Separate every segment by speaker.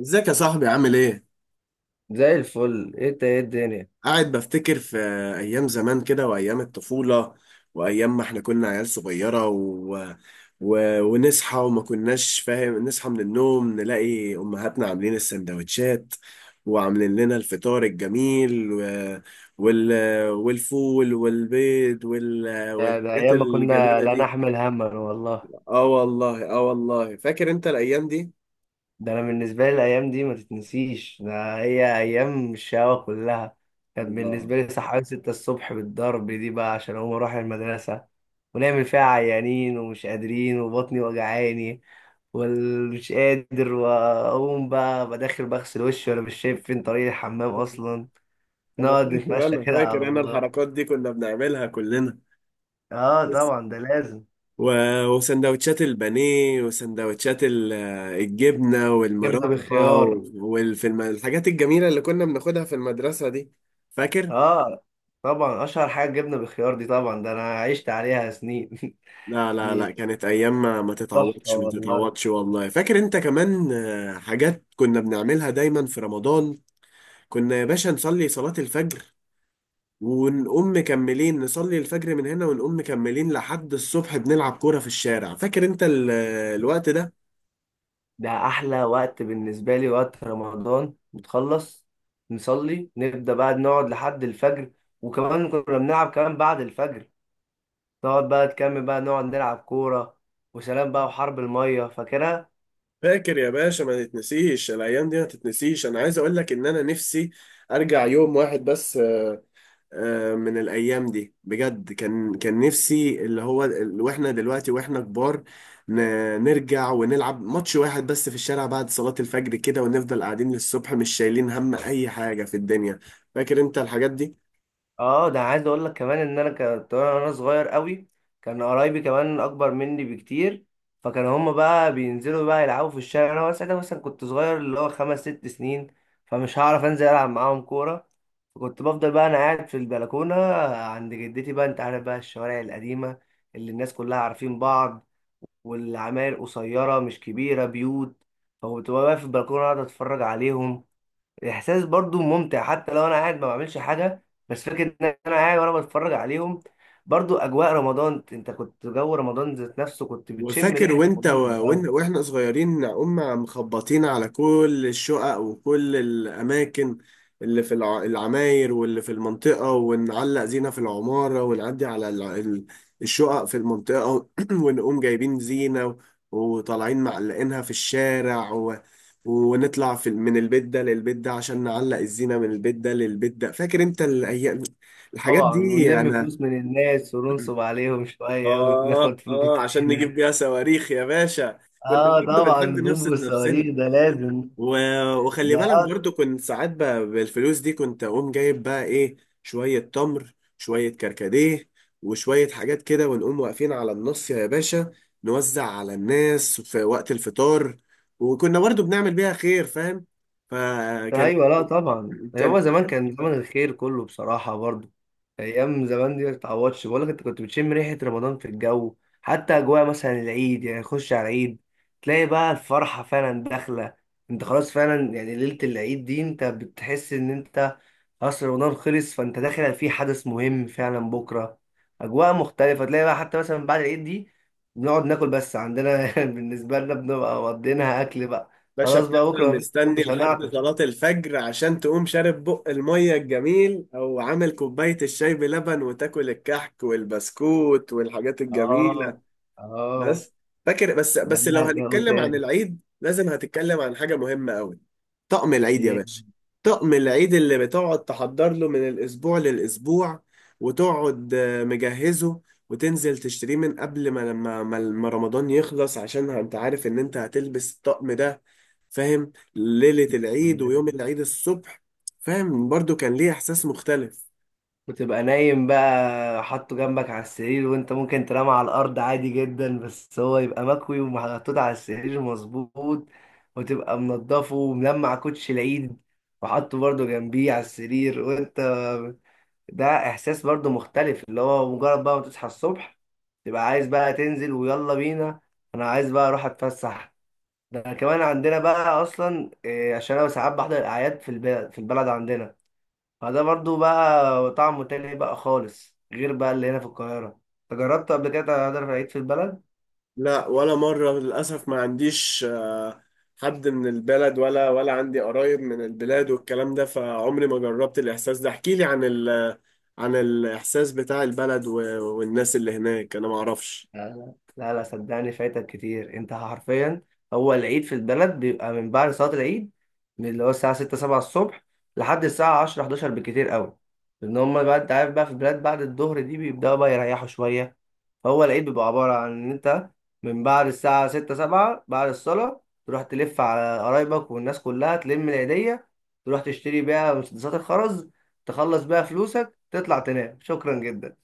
Speaker 1: ازيك يا صاحبي؟ عامل ايه؟
Speaker 2: زي الفل. ايه ده، ايه الدنيا.
Speaker 1: قاعد بفتكر في ايام زمان كده وايام الطفولة وايام ما احنا كنا عيال صغيرة و... و... ونصحى، وما كناش فاهم. نصحى من النوم نلاقي امهاتنا عاملين السندوتشات وعاملين لنا الفطار الجميل و... وال... والفول والبيض وال...
Speaker 2: ده
Speaker 1: والحاجات
Speaker 2: ايام ما كنا
Speaker 1: الجميلة
Speaker 2: لا
Speaker 1: دي.
Speaker 2: نحمل هما والله.
Speaker 1: اه والله، اه والله، فاكر انت الايام دي؟
Speaker 2: ده انا بالنسبه لي الايام دي ما تتنسيش، ده هي ايام الشقاوه كلها. كانت
Speaker 1: الله.
Speaker 2: بالنسبه لي صحيان 6 الصبح بالضرب دي بقى عشان اقوم اروح المدرسه، ونعمل فيها عيانين ومش قادرين وبطني وجعاني ومش قادر، واقوم بقى بداخل بغسل وشي وانا مش شايف فين طريق الحمام اصلا،
Speaker 1: انا
Speaker 2: نقعد
Speaker 1: فاكر
Speaker 2: نتمشى
Speaker 1: انا
Speaker 2: كده على
Speaker 1: فاكر انا
Speaker 2: الله.
Speaker 1: الحركات دي كنا بنعملها كلنا.
Speaker 2: اه طبعا ده لازم.
Speaker 1: و- وسندوتشات البانيه وسندوتشات الجبنة
Speaker 2: جبنه
Speaker 1: والمربى،
Speaker 2: بالخيار.
Speaker 1: وفي الحاجات الجميلة اللي كنا بناخدها في المدرسة دي، فاكر؟
Speaker 2: اه طبعا، اشهر حاجه الجبنه بالخيار دي، طبعا ده انا عشت عليها سنين
Speaker 1: لا لا لا
Speaker 2: دي
Speaker 1: كانت أيام ما ما
Speaker 2: تحفه
Speaker 1: تتعوضش ما
Speaker 2: والله.
Speaker 1: تتعوضش، والله. فاكر أنت كمان حاجات كنا بنعملها دايما في رمضان؟ كنا يا باشا نصلي صلاة الفجر ونقوم مكملين. نصلي الفجر من هنا ونقوم مكملين لحد الصبح بنلعب كورة في الشارع. فاكر أنت الوقت ده؟
Speaker 2: ده احلى وقت بالنسبه لي وقت رمضان، نتخلص نصلي نبدا بقى نقعد لحد الفجر، وكمان كنا بنلعب كمان بعد الفجر، نقعد بقى تكمل بقى نقعد نلعب كوره وسلام بقى، وحرب الميه فاكرها.
Speaker 1: فاكر يا باشا؟ ما تتنسيش الايام دي، ما تتنسيش. انا عايز اقول لك ان انا نفسي ارجع يوم واحد بس من الايام دي بجد. كان كان نفسي، اللي هو واحنا دلوقتي واحنا كبار، ن- نرجع ونلعب ماتش واحد بس في الشارع بعد صلاة الفجر كده، ونفضل قاعدين للصبح مش شايلين هم اي حاجة في الدنيا. فاكر انت الحاجات دي؟
Speaker 2: اه ده عايز اقول لك كمان ان انا كنت وانا صغير قوي، كان قرايبي كمان اكبر مني بكتير، فكان هما بقى بينزلوا بقى يلعبوا في الشارع. انا ساعتها مثلا كنت صغير، اللي هو خمس ست سنين، فمش هعرف انزل العب معاهم كوره. فكنت بفضل بقى انا قاعد في البلكونه عند جدتي. بقى انت عارف بقى الشوارع القديمه اللي الناس كلها عارفين بعض، والعماير قصيره مش كبيره بيوت، فكنت بقى واقف في البلكونه اقعد اتفرج عليهم. احساس برضو ممتع حتى لو انا قاعد ما بعملش حاجه، بس فكره ان انا قاعد وانا بتفرج عليهم، برضو اجواء رمضان. انت كنت جو رمضان ذات نفسه كنت بتشم
Speaker 1: وفاكر
Speaker 2: ريحه
Speaker 1: وانت
Speaker 2: رمضان في الجو.
Speaker 1: واحنا صغيرين مخبطين على كل الشقق وكل الأماكن اللي في العماير واللي في المنطقة، ونعلق زينة في العمارة، ونعدي على الشقق في المنطقة، ونقوم جايبين زينة وطالعين معلقينها في الشارع ونطلع من البيت ده للبيت ده عشان نعلق الزينة من البيت ده للبيت ده. فاكر انت الأيام، الحاجات
Speaker 2: طبعا،
Speaker 1: دي؟
Speaker 2: ونلم
Speaker 1: أنا
Speaker 2: فلوس من الناس وننصب عليهم شويه
Speaker 1: آه
Speaker 2: وناخد فلوس
Speaker 1: آه،
Speaker 2: من
Speaker 1: عشان
Speaker 2: هنا.
Speaker 1: نجيب بيها صواريخ يا باشا. كنا
Speaker 2: اه
Speaker 1: برضه
Speaker 2: طبعا
Speaker 1: بنحب
Speaker 2: بومبو
Speaker 1: نبسط نفسنا
Speaker 2: الصواريخ ده لازم.
Speaker 1: و... وخلي
Speaker 2: ده
Speaker 1: بالك برضه كنت ساعات بالفلوس دي كنت أقوم جايب بقى إيه؟ شوية تمر، شوية كركديه، وشوية حاجات كده، ونقوم واقفين على النص يا باشا نوزع على الناس في وقت الفطار، وكنا برضه بنعمل بيها خير، فاهم؟ فكان
Speaker 2: ايوه، لا طبعا، يعني
Speaker 1: كان
Speaker 2: هو زمان كان زمن الخير كله بصراحه برضو. ايام زمان دي ما تتعوضش، بقول لك انت كنت بتشم ريحه رمضان في الجو. حتى اجواء مثلا العيد، يعني خش على العيد تلاقي بقى الفرحه فعلا داخله. انت خلاص فعلا يعني ليله العيد دي انت بتحس ان انت خلاص رمضان خلص، فانت داخل في حدث مهم فعلا بكره، اجواء مختلفه. تلاقي بقى حتى مثلا بعد العيد دي بنقعد ناكل. بس عندنا بالنسبه لنا بنبقى مقضينها اكل بقى.
Speaker 1: باشا
Speaker 2: خلاص بقى
Speaker 1: بتفضل
Speaker 2: بكره
Speaker 1: مستني
Speaker 2: مش
Speaker 1: لحد
Speaker 2: هنعطش.
Speaker 1: صلاة الفجر عشان تقوم شارب بق المية الجميل، أو عامل كوباية الشاي بلبن، وتاكل الكحك والبسكوت والحاجات الجميلة.
Speaker 2: اه. اه.
Speaker 1: بس فاكر، بس
Speaker 2: ده
Speaker 1: بس لو
Speaker 2: لها جو
Speaker 1: هنتكلم عن
Speaker 2: تاني.
Speaker 1: العيد لازم هتتكلم عن حاجة مهمة قوي. طقم العيد يا
Speaker 2: ايه.
Speaker 1: باشا. طقم العيد اللي بتقعد تحضر له من الأسبوع للأسبوع، وتقعد مجهزه، وتنزل تشتريه من قبل ما لما ما ما رمضان يخلص، عشان انت عارف ان انت هتلبس الطقم ده، فاهم؟ ليلة العيد ويوم العيد الصبح، فاهم؟ برضو كان ليه إحساس مختلف.
Speaker 2: وتبقى نايم بقى حاطه جنبك على السرير وانت ممكن تنام على الارض عادي جدا، بس هو يبقى مكوي ومحطوط على السرير مظبوط، وتبقى منضفه وملمع كوتش العيد وحاطه برضه جنبيه على السرير. وانت ده احساس برضه مختلف، اللي هو مجرد بقى ما تصحى الصبح تبقى عايز بقى تنزل، ويلا بينا انا عايز بقى اروح اتفسح. ده كمان عندنا بقى اصلا إيه، عشان انا ساعات بحضر الاعياد في البلد، في البلد عندنا. فده برضو بقى طعمه تاني بقى خالص، غير بقى اللي هنا في القاهره. انت جربت قبل كده تحضر العيد في البلد؟
Speaker 1: لا، مرة، للأسف ما عنديش حد من البلد، ولا عندي قرايب من البلاد والكلام ده، فعمري ما جربت الإحساس ده. احكي لي عن ال عن الإحساس بتاع البلد والناس اللي هناك، أنا ما أعرفش.
Speaker 2: لا لا لا لا، صدقني فايتك كتير انت حرفيا. هو العيد في البلد بيبقى من بعد صلاه العيد، من اللي هو الساعه 6 7 الصبح لحد الساعه 10 11 بالكتير قوي. لان هم بقى انت عارف بقى في البلاد بعد الظهر دي بيبداوا بقى يريحوا شويه. هو العيد بيبقى عبارة عن إن أنت من بعد الساعة ستة سبعة بعد الصلاة تروح تلف على قرايبك والناس كلها، تلم العيدية، تروح تشتري بيها مسدسات الخرز، تخلص بيها فلوسك، تطلع تنام. شكرا جدا.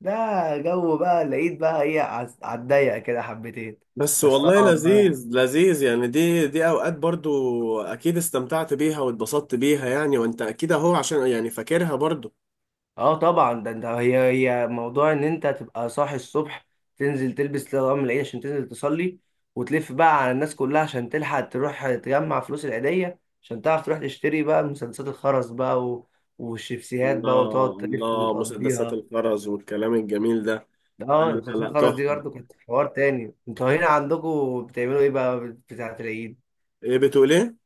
Speaker 2: ده جو بقى العيد بقى إيه، على الضيق كده حبتين.
Speaker 1: بس
Speaker 2: بس
Speaker 1: والله
Speaker 2: طبعا بقى،
Speaker 1: لذيذ، لذيذ يعني. دي أوقات برضو أكيد استمتعت بيها واتبسطت بيها يعني، وأنت أكيد أهو عشان يعني فاكرها برضو.
Speaker 2: اه طبعا ده انت هي موضوع ان انت تبقى صاحي الصبح، تنزل تلبس لغم العيد عشان تنزل تصلي، وتلف بقى على الناس كلها عشان تلحق تروح تجمع فلوس العيدية، عشان تعرف تروح تشتري بقى مسدسات الخرز بقى، و... والشيبسيهات بقى، وتقعد
Speaker 1: الله،
Speaker 2: تلف
Speaker 1: الله، مسدسات
Speaker 2: وتقضيها.
Speaker 1: الخرز والكلام الجميل ده. لا
Speaker 2: اه،
Speaker 1: لا
Speaker 2: مسدسات
Speaker 1: لا
Speaker 2: الخرز دي
Speaker 1: تحفة.
Speaker 2: برضه كانت حوار تاني. انتوا هنا عندكم بتعملوا ايه بقى بتاعة العيد؟
Speaker 1: إيه؟ بتقول إيه؟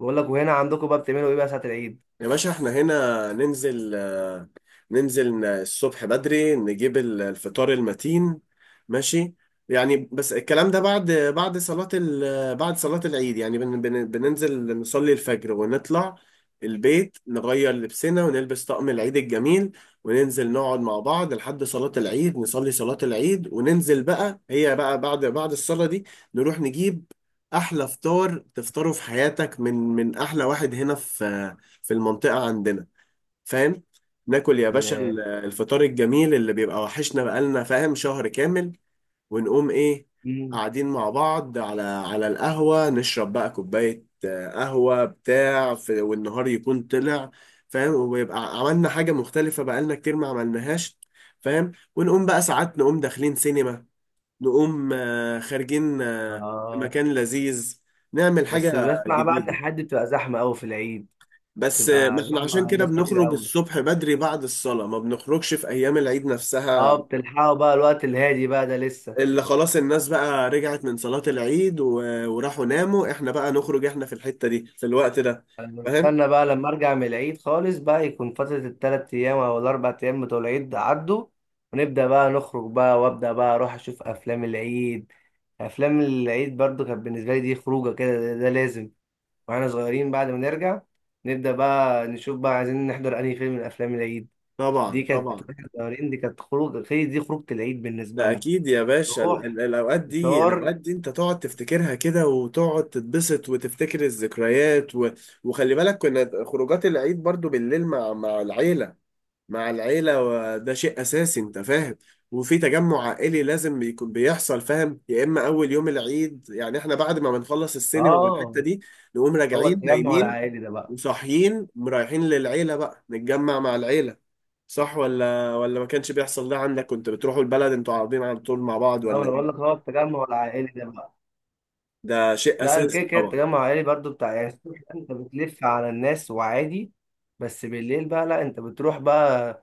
Speaker 2: بقول لك وهنا عندكم بقى بتعملوا ايه بقى ساعة العيد؟
Speaker 1: يا باشا احنا هنا ننزل، ننزل الصبح بدري نجيب الفطار المتين، ماشي؟ يعني بس الكلام ده بعد بعد صلاة ال بعد صلاة العيد يعني. بن بن بننزل نصلي الفجر، ونطلع البيت نغير لبسنا ونلبس طقم العيد الجميل، وننزل نقعد مع بعض لحد صلاة العيد، نصلي صلاة العيد وننزل بقى. هي بقى بعد الصلاة دي نروح نجيب أحلى فطار تفطره في حياتك، من أحلى واحد هنا في المنطقة عندنا، فاهم؟ ناكل يا باشا
Speaker 2: ياه.
Speaker 1: الفطار الجميل اللي بيبقى وحشنا بقالنا، فاهم، شهر كامل. ونقوم ايه؟
Speaker 2: مم.
Speaker 1: قاعدين مع بعض على القهوة، نشرب بقى كوباية قهوة بتاع في، والنهار يكون طلع، فاهم؟ ويبقى عملنا حاجة مختلفة بقالنا كتير ما عملناهاش، فاهم؟ ونقوم بقى ساعات نقوم داخلين سينما، نقوم خارجين في
Speaker 2: اه.
Speaker 1: مكان لذيذ، نعمل
Speaker 2: بس
Speaker 1: حاجة
Speaker 2: بسمع بقى ان
Speaker 1: جديدة.
Speaker 2: حد بتبقى زحمة قوي في العيد،
Speaker 1: بس ما
Speaker 2: تبقى
Speaker 1: احنا عشان
Speaker 2: زحمة
Speaker 1: كده
Speaker 2: ناس كتير
Speaker 1: بنخرج
Speaker 2: قوي.
Speaker 1: الصبح بدري بعد الصلاة، ما بنخرجش في أيام العيد
Speaker 2: اه
Speaker 1: نفسها،
Speaker 2: بتلحقوا بقى الوقت الهادي بقى ده لسه.
Speaker 1: اللي خلاص الناس بقى رجعت من صلاة العيد وراحوا ناموا. احنا بقى نخرج احنا في الحتة دي في الوقت ده،
Speaker 2: انا
Speaker 1: فاهم؟
Speaker 2: بستنى بقى لما ارجع من العيد خالص بقى، يكون فترة التلات ايام او الاربع ايام بتوع العيد ده عدوا، ونبدأ بقى نخرج بقى، وابدأ بقى اروح اشوف افلام العيد. افلام العيد برضو كانت بالنسبة لي دي خروجة كده، ده لازم. واحنا صغيرين بعد ما نرجع نبدأ بقى نشوف بقى عايزين نحضر انهي فيلم من افلام العيد. دي
Speaker 1: طبعا،
Speaker 2: كانت
Speaker 1: طبعا.
Speaker 2: واحنا صغيرين دي كانت خروج، دي خروجة العيد بالنسبة
Speaker 1: ده
Speaker 2: لنا.
Speaker 1: أكيد يا باشا
Speaker 2: نروح
Speaker 1: الأوقات دي،
Speaker 2: مشوار.
Speaker 1: الأوقات دي أنت تقعد تفتكرها كده وتقعد تتبسط وتفتكر الذكريات وخلي بالك كنا خروجات العيد برضو بالليل مع العيلة. مع العيلة، وده شيء أساسي أنت فاهم. وفي تجمع عائلي لازم يكون بيحصل، فاهم؟ يا إما أول يوم العيد يعني، إحنا بعد ما بنخلص السينما
Speaker 2: اه.
Speaker 1: والحتة دي نقوم
Speaker 2: هو
Speaker 1: راجعين
Speaker 2: التجمع
Speaker 1: نايمين،
Speaker 2: العائلي ده بقى،
Speaker 1: وصاحيين رايحين للعيلة بقى نتجمع مع العيلة. صح ولا ما كانش بيحصل ده عندك؟ كنت بتروحوا البلد أنتوا، قاعدين على طول مع بعض، ولا
Speaker 2: انا بقول لك
Speaker 1: إيه؟
Speaker 2: هو التجمع العائلي ده بقى،
Speaker 1: ده شيء
Speaker 2: لا كده
Speaker 1: أساسي
Speaker 2: كده.
Speaker 1: طبعا.
Speaker 2: التجمع العائلي برضو بتاع يعني الصبح انت بتلف على الناس وعادي، بس بالليل بقى لا انت بتروح بقى.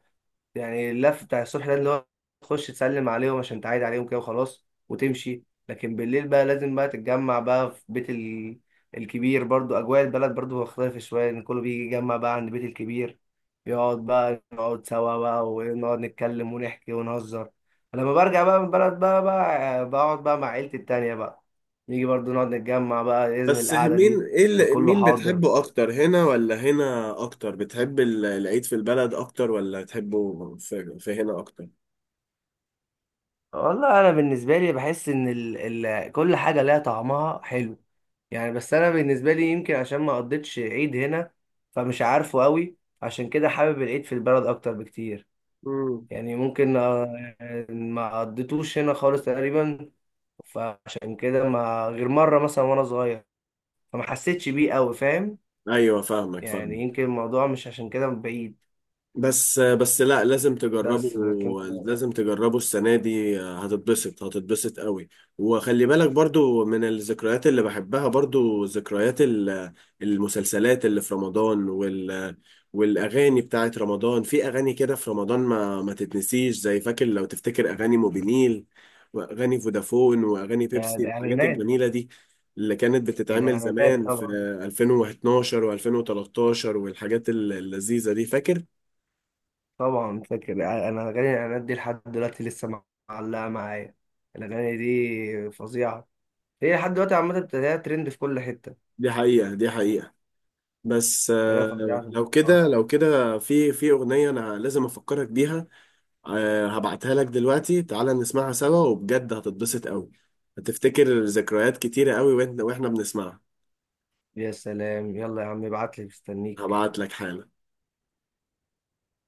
Speaker 2: يعني اللف بتاع الصبح ده اللي هو تخش تسلم عليهم عشان تعايد عليهم كده وخلاص وتمشي، لكن بالليل بقى لازم بقى تتجمع بقى في بيت ال... الكبير. برضو أجواء البلد برضو مختلفة شوية إن كله بيجي يجمع بقى عند بيت الكبير، يقعد بقى نقعد سوا بقى ونقعد نتكلم ونحكي ونهزر. لما برجع بقى من البلد بقى، بقى بقعد بقى مع عيلتي التانية بقى، نيجي برضو نقعد نتجمع بقى، لازم
Speaker 1: بس
Speaker 2: القعدة
Speaker 1: مين،
Speaker 2: دي.
Speaker 1: إيه
Speaker 2: يبقى كله
Speaker 1: مين
Speaker 2: حاضر.
Speaker 1: بتحبه أكتر، هنا ولا هنا أكتر؟ بتحب العيد في البلد أكتر، ولا تحبه في هنا أكتر؟
Speaker 2: والله انا بالنسبه لي بحس ان ال كل حاجه لها طعمها حلو، يعني. بس انا بالنسبه لي يمكن عشان ما قضيتش عيد هنا، فمش عارفه قوي، عشان كده حابب العيد في البلد اكتر بكتير.
Speaker 1: مم.
Speaker 2: يعني ممكن آه، ما قضيتوش هنا خالص تقريبا، فعشان كده ما غير مره مثلا وانا صغير فما حسيتش بيه قوي، فاهم؟
Speaker 1: ايوه، فاهمك
Speaker 2: يعني
Speaker 1: فاهمك
Speaker 2: يمكن الموضوع مش عشان كده بعيد،
Speaker 1: بس لا، لازم تجربه.
Speaker 2: بس لكن.
Speaker 1: لازم تجربه السنة دي، هتتبسط، هتتبسط قوي. وخلي بالك برضو من الذكريات اللي بحبها برضو ذكريات المسلسلات اللي في رمضان والأغاني بتاعت رمضان. في أغاني كده في رمضان ما تتنسيش، زي، فاكر لو تفتكر، أغاني موبينيل وأغاني فودافون وأغاني
Speaker 2: يعني
Speaker 1: بيبسي، الحاجات
Speaker 2: الاعلانات.
Speaker 1: الجميلة دي اللي كانت بتتعمل
Speaker 2: الاعلانات
Speaker 1: زمان في
Speaker 2: طبعا.
Speaker 1: 2012 و2013، والحاجات اللذيذة دي، فاكر؟
Speaker 2: طبعا فاكر، يعني انا اغاني الاعلانات دي لحد دلوقتي لسه معلقه معايا. الاغاني دي فظيعه، هي لحد دلوقتي عامه بتلاقيها ترند في كل حته.
Speaker 1: دي حقيقة، دي حقيقة. بس
Speaker 2: حاجه فظيعه.
Speaker 1: لو كده،
Speaker 2: آه.
Speaker 1: لو كده، في أغنية أنا لازم أفكرك بيها. هبعتها لك دلوقتي، تعالى نسمعها سوا وبجد هتتبسط قوي، هتفتكر ذكريات كتيرة قوي وإحنا بنسمعها.
Speaker 2: يا سلام، يلا يا عم ابعت لي، مستنيك.
Speaker 1: هبعت لك حالا.